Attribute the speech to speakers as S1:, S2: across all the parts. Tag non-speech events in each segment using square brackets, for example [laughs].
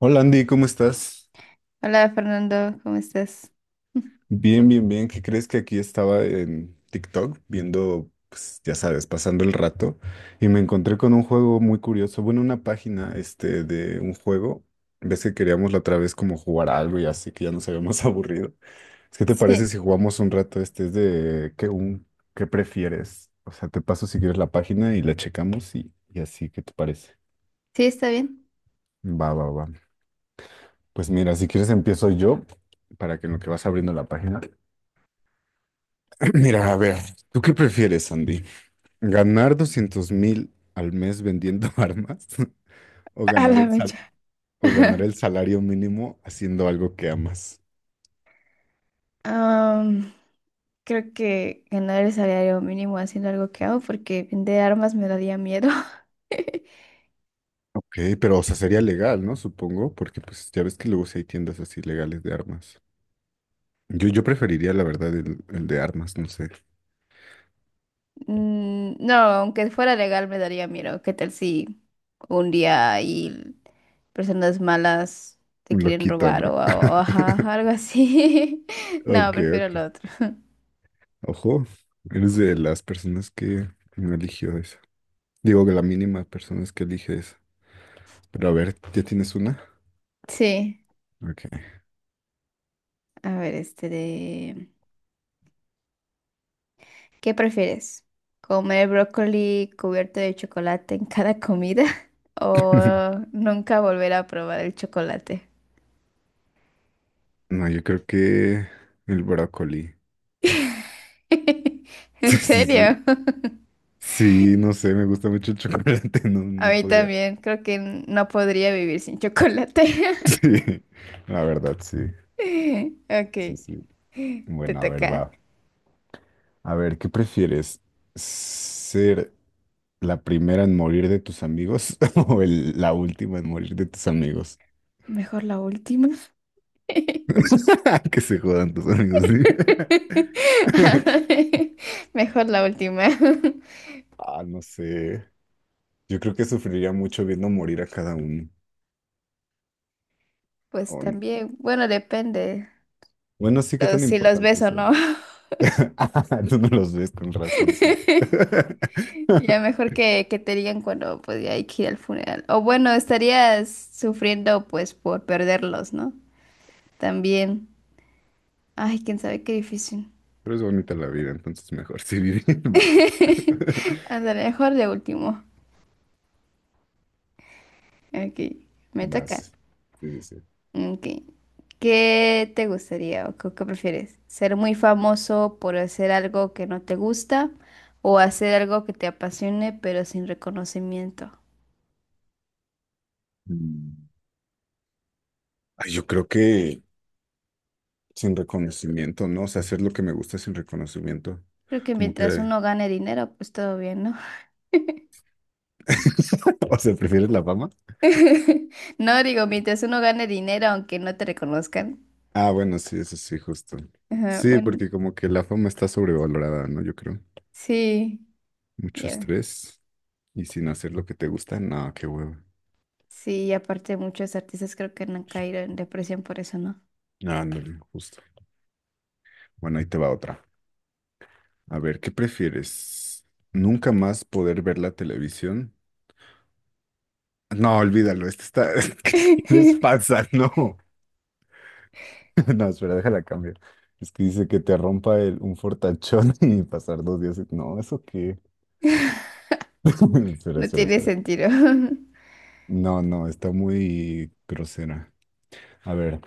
S1: Hola Andy, ¿cómo estás?
S2: Hola Fernando, ¿cómo estás? [laughs]
S1: Bien, bien, bien. ¿Qué crees que aquí estaba en TikTok viendo, pues ya sabes, pasando el rato y me encontré con un juego muy curioso, bueno, una página este de un juego. Ves que queríamos la otra vez como jugar algo y así que ya nos habíamos [laughs] aburrido. Es que te parece
S2: Sí,
S1: si jugamos un rato este es de qué un ¿qué prefieres? O sea, te paso si quieres la página y la checamos y así, ¿qué te parece?
S2: sí, está bien.
S1: Va, va, va. Pues mira, si quieres empiezo yo para que en lo que vas abriendo la página. [clears throat] Mira, a ver, ¿tú qué prefieres, Sandy? ¿Ganar 200.000 al mes vendiendo [laughs] armas? ¿O
S2: A
S1: ganar
S2: la
S1: el sal-
S2: mecha.
S1: o ganar
S2: [laughs]
S1: el salario mínimo haciendo algo que amas?
S2: Am, creo que ganar el salario mínimo haciendo algo que hago porque vender armas me daría miedo. [laughs]
S1: Ok, pero o sea, sería legal, ¿no? Supongo, porque pues ya ves que luego sí hay tiendas así legales de armas. Yo preferiría, la verdad, el de armas, no sé.
S2: No, aunque fuera legal me daría miedo. ¿Qué tal si un día hay personas malas te
S1: Un
S2: quieren
S1: loquito,
S2: robar
S1: ¿no?
S2: ajá,
S1: [laughs]
S2: algo así? [laughs] No,
S1: Ok,
S2: prefiero
S1: ok.
S2: lo otro.
S1: Ojo, eres de las personas que no eligió eso. Digo, que la mínima personas que elige eso. Pero a ver, ¿ya tienes una?
S2: Sí,
S1: Ok.
S2: a ver, este de... ¿Qué prefieres? ¿Comer brócoli cubierto de chocolate en cada comida [laughs] o
S1: [laughs]
S2: nunca volver a probar el chocolate?
S1: No, yo creo que el brócoli. [laughs]
S2: [laughs] ¿En
S1: Sí, sí, sí.
S2: serio? [laughs]
S1: Sí, no sé, me gusta mucho el chocolate, [laughs] no,
S2: A
S1: no
S2: mí
S1: podría.
S2: también, creo que no podría vivir sin chocolate.
S1: [laughs]
S2: [laughs]
S1: Sí, la verdad, sí.
S2: Ok,
S1: Sí, sí.
S2: te
S1: Bueno, a ver,
S2: toca.
S1: va. A ver, ¿qué prefieres? ¿Ser la primera en morir de tus amigos [laughs] o la última en morir de tus amigos?
S2: Mejor la última. [laughs]
S1: [laughs] Que se jodan tus amigos, sí. [laughs]
S2: Mejor la última. [laughs]
S1: Ah, no sé. Yo creo que sufriría mucho viendo morir a cada uno.
S2: Pues
S1: O n-
S2: también, bueno, depende
S1: Bueno, sí, qué tan
S2: si los
S1: importante
S2: ves o
S1: es.
S2: no.
S1: [laughs] Ah, tú no los ves con razón. [laughs]
S2: [laughs] Ya mejor que te digan cuando pues ya hay que ir al funeral. O bueno, estarías sufriendo pues por perderlos, ¿no? También. Ay, quién sabe qué difícil.
S1: Pero es bonita la vida, entonces mejor sí vivir más. [laughs]
S2: [laughs] Ándale, mejor de último. Ok, me toca.
S1: más. Sí, sí, sí.
S2: Ok. ¿Qué te gustaría o qué prefieres? ¿Ser muy famoso por hacer algo que no te gusta o hacer algo que te apasione pero sin reconocimiento?
S1: Mm. Ay, yo creo que sin reconocimiento, ¿no? O sea, hacer lo que me gusta sin reconocimiento.
S2: Creo que
S1: Como
S2: mientras
S1: que...
S2: uno gane dinero, pues todo bien, ¿no?
S1: [laughs] O sea, ¿prefieres la fama?
S2: [laughs] No, digo, mientras uno gane dinero, aunque no te reconozcan.
S1: Ah, bueno, sí, eso sí, justo.
S2: Ajá,
S1: Sí,
S2: bueno,
S1: porque como que la fama está sobrevalorada, ¿no? Yo creo.
S2: sí,
S1: Mucho
S2: ya.
S1: estrés y sin hacer lo que te gusta, no, qué huevo.
S2: Sí, y aparte muchos artistas creo que han caído en depresión por eso, ¿no?
S1: Ah, no, justo. Bueno, ahí te va otra. A ver, ¿qué prefieres? ¿Nunca más poder ver la televisión? No, olvídalo, este está... [laughs] ¿Qué les
S2: [laughs]
S1: pasa? No. [laughs] No, espera, déjala cambiar. Es que dice que te rompa un fortachón [laughs] y pasar 2 días. No, ¿eso qué? [laughs] Espera,
S2: No
S1: espera,
S2: tiene
S1: espera.
S2: sentido. [laughs]
S1: No, no, está muy grosera. A ver,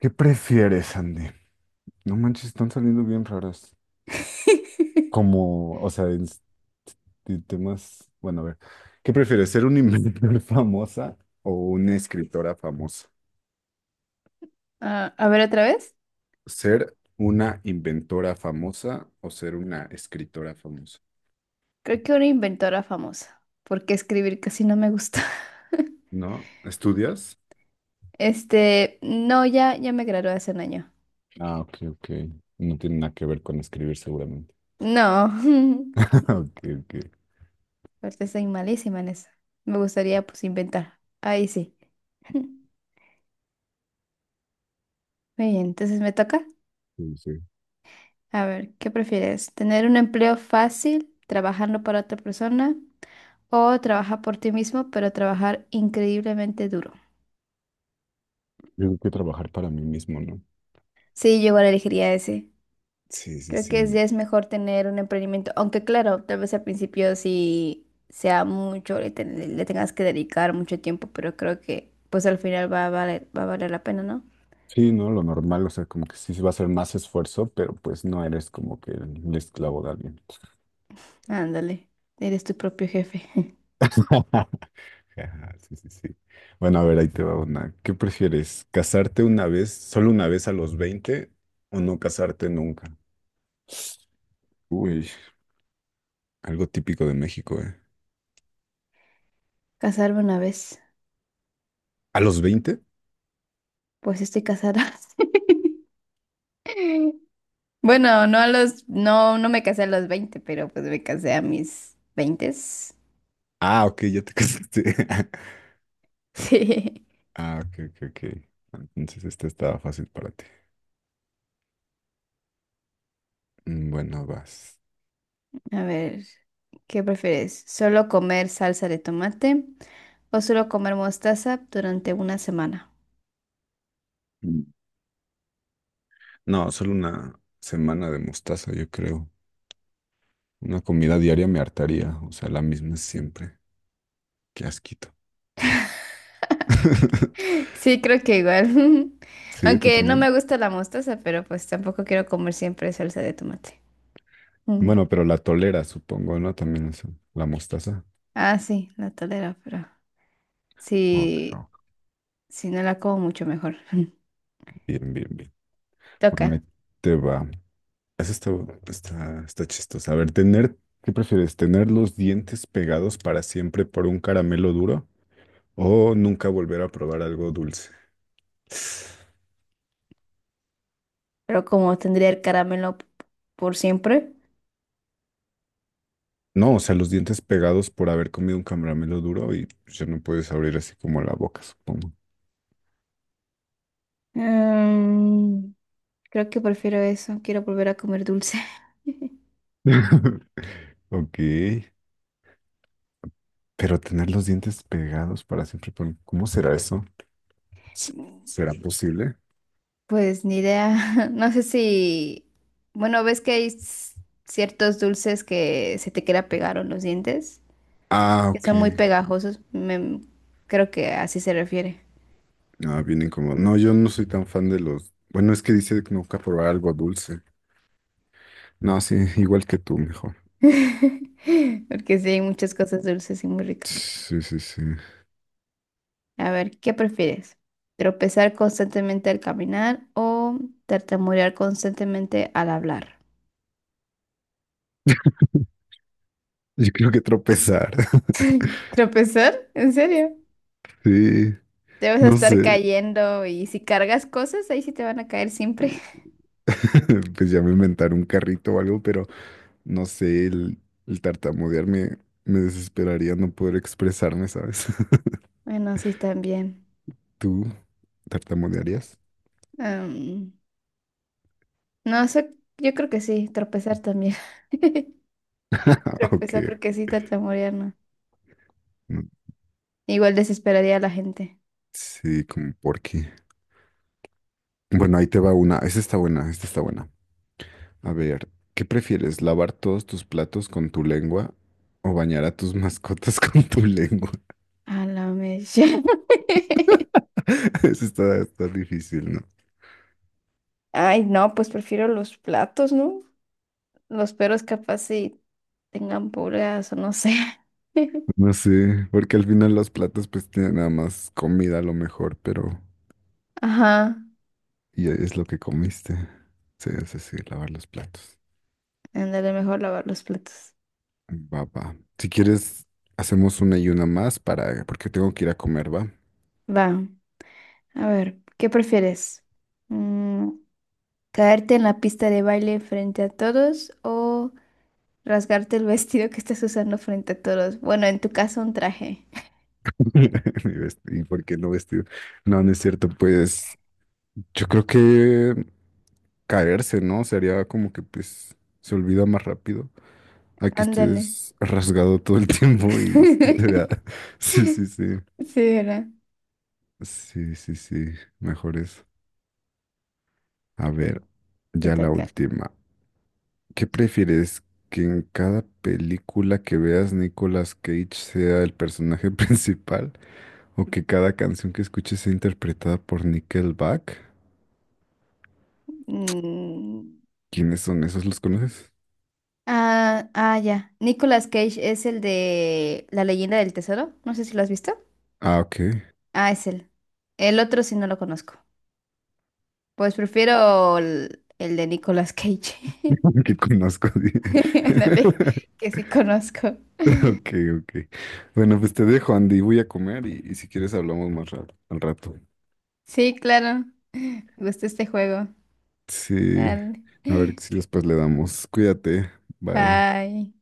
S1: ¿qué prefieres, Andy? No manches, están saliendo bien raras. Como, o sea, en temas... Bueno, a ver, ¿qué prefieres, ser una inventora [laughs] famosa o una escritora famosa?
S2: Ah, a ver, otra vez.
S1: ¿Ser una inventora famosa o ser una escritora famosa?
S2: Creo que una inventora famosa, porque escribir casi no me gusta. [laughs]
S1: ¿No? ¿Estudias?
S2: Este, no, ya, ya me gradué hace un año.
S1: Ah, ok, ok. No tiene nada que ver con escribir seguramente.
S2: No, [laughs]
S1: [laughs] Ok, ok.
S2: aparte soy malísima en eso. Me gustaría, pues, inventar. Ahí sí. [laughs] Muy bien, entonces me toca.
S1: Sí, sí.
S2: A ver, ¿qué prefieres? ¿Tener un empleo fácil trabajando para otra persona o trabajar por ti mismo pero trabajar increíblemente duro?
S1: Yo tengo que trabajar para mí mismo, ¿no?
S2: Sí, yo igual elegiría ese.
S1: Sí, sí,
S2: Creo que es,
S1: sí.
S2: ya es mejor tener un emprendimiento, aunque claro, tal vez al principio sí sea mucho, le tengas que dedicar mucho tiempo, pero creo que pues al final va a valer la pena, ¿no?
S1: Sí, ¿no? Lo normal, o sea, como que sí se va a hacer más esfuerzo, pero pues no eres como que el esclavo de alguien.
S2: Ándale, eres tu propio jefe. [laughs]
S1: [laughs] Ajá, sí, sí, sí. Bueno, a ver, ahí te va una. ¿Qué prefieres? ¿Casarte una vez, solo una vez a los 20, o no casarte nunca? Uy, algo típico de México, ¿eh?
S2: Casarme una vez,
S1: ¿A los 20?
S2: pues estoy casada. [laughs] Bueno, no, no me casé a los 20, pero pues me casé a mis 20. [laughs]
S1: Ah, ok, ya te casaste. [laughs]
S2: Sí.
S1: Ah, ok, ok, ok. Entonces esta estaba fácil para ti. Mm, bueno, vas.
S2: A ver, ¿qué prefieres? ¿Solo comer salsa de tomate o solo comer mostaza durante una semana?
S1: Mm. No, solo una semana de mostaza, yo creo. Una comida diaria me hartaría, o sea, la misma siempre. Qué asquito. [laughs]
S2: [laughs] Sí, creo que igual. [laughs]
S1: Sí, tú
S2: Aunque no
S1: también.
S2: me gusta la mostaza, pero pues tampoco quiero comer siempre salsa de tomate. Mm.
S1: Bueno, pero la tolera, supongo, ¿no? También eso. La mostaza.
S2: Ah, sí, la tolero, pero
S1: Ok,
S2: sí,
S1: ok.
S2: si no la como mucho mejor. [laughs]
S1: Bien, bien, bien.
S2: Toca,
S1: Bueno, ahí te va. Eso está chistoso. A ver, tener, ¿qué prefieres? ¿Tener los dientes pegados para siempre por un caramelo duro o nunca volver a probar algo dulce?
S2: pero como tendría el por siempre.
S1: No, o sea, los dientes pegados por haber comido un caramelo duro y pues, ya no puedes abrir así como la boca, supongo.
S2: Mm, creo que prefiero eso. Quiero volver a comer dulce. [laughs]
S1: [laughs] Ok, pero tener los dientes pegados para siempre, ¿cómo será eso? ¿Se- ¿Será posible?
S2: Pues ni idea. [laughs] No sé si... Bueno, ves que ciertos dulces que se te queda pegado en los dientes,
S1: Ah,
S2: que
S1: ok.
S2: son muy pegajosos. Creo que así se refiere.
S1: Ah, bien incómodo. No, yo no soy tan fan de los... Bueno, es que dice que nunca probar algo dulce. No, sí, igual que tú, mejor.
S2: [laughs] Porque sí, hay muchas cosas dulces y muy ricas.
S1: Sí, sí, sí.
S2: A ver, ¿qué prefieres? ¿Tropezar constantemente al caminar o tartamudear constantemente al hablar?
S1: Yo creo que tropezar. [laughs]
S2: ¿Tropezar? ¿En serio?
S1: Sí,
S2: Debes
S1: no
S2: estar
S1: sé.
S2: cayendo y si cargas cosas, ahí sí te van a caer siempre. [laughs]
S1: [laughs] Pues ya me inventar un carrito o algo, pero no sé, el tartamudear me desesperaría no poder expresarme, ¿sabes? [laughs]
S2: Bueno, sí, también.
S1: ¿Tú tartamudearías?
S2: Am, no, eso, yo creo que sí, tropezar también. [laughs]
S1: [laughs] Ah, ok.
S2: Tropezar porque sí, tartamudear, no.
S1: Mm,
S2: Igual desesperaría a la gente.
S1: sí, como por qué. Bueno, ahí te va una. Esta está buena, esta está buena. A ver, ¿qué prefieres? ¿Lavar todos tus platos con tu lengua o bañar a tus mascotas [laughs] con tu lengua?
S2: A la mecha. [laughs]
S1: [laughs] Eso está, está difícil, ¿no?
S2: Ay, no, pues prefiero los platos, ¿no? Los perros capaz si tengan pulgas o no sé. [laughs]
S1: No sé, porque al final los platos pues tienen nada más comida a lo mejor, pero
S2: Ajá,
S1: y es lo que comiste. Sí, sí, sí, lavar los platos.
S2: ándale, mejor lavar los platos.
S1: Va, va. Si quieres, hacemos una y una más para, porque tengo que ir a comer, ¿va?
S2: Va, a ver, ¿qué prefieres? Mm, ¿Caerte en la pista de baile frente a todos o rasgarte el vestido que estás usando frente a todos? Bueno, en tu caso un traje.
S1: [laughs] Mi ¿y por qué no vestido? No, no es cierto, pues yo creo que caerse, ¿no? Sería como que pues se olvida más rápido. A que
S2: Ándale.
S1: estés rasgado todo el [laughs] tiempo y se te vea.
S2: [laughs]
S1: [laughs] Sí, sí, sí.
S2: Sí, ¿verdad?
S1: Sí, sí, sí. Mejor eso. A
S2: Eh,
S1: ver,
S2: Te
S1: ya la
S2: toca.
S1: última. ¿Qué prefieres? ¿Que en cada película que veas Nicolas Cage sea el personaje [laughs] principal? ¿O que cada canción que escuches sea interpretada por Nickelback?
S2: Mm.
S1: ¿Quiénes son esos? ¿Los conoces?
S2: Ah, ah, ya. Nicolas Cage es el de La leyenda del tesoro. No sé si lo has visto.
S1: Ah, ok.
S2: Ah, es él. El otro sí no lo conozco. Pues prefiero el de Nicolas Cage.
S1: [laughs] Que conozco. [laughs] dije.
S2: [laughs] Ándale,
S1: [laughs]
S2: que sí conozco.
S1: Ok, ok. Bueno, pues te dejo, Andy. Voy a comer y si quieres hablamos más rato, al rato.
S2: Sí, claro. Me gusta este juego.
S1: Sí.
S2: Dale.
S1: A ver si
S2: [laughs]
S1: después le damos. Cuídate. Bye.
S2: Bye.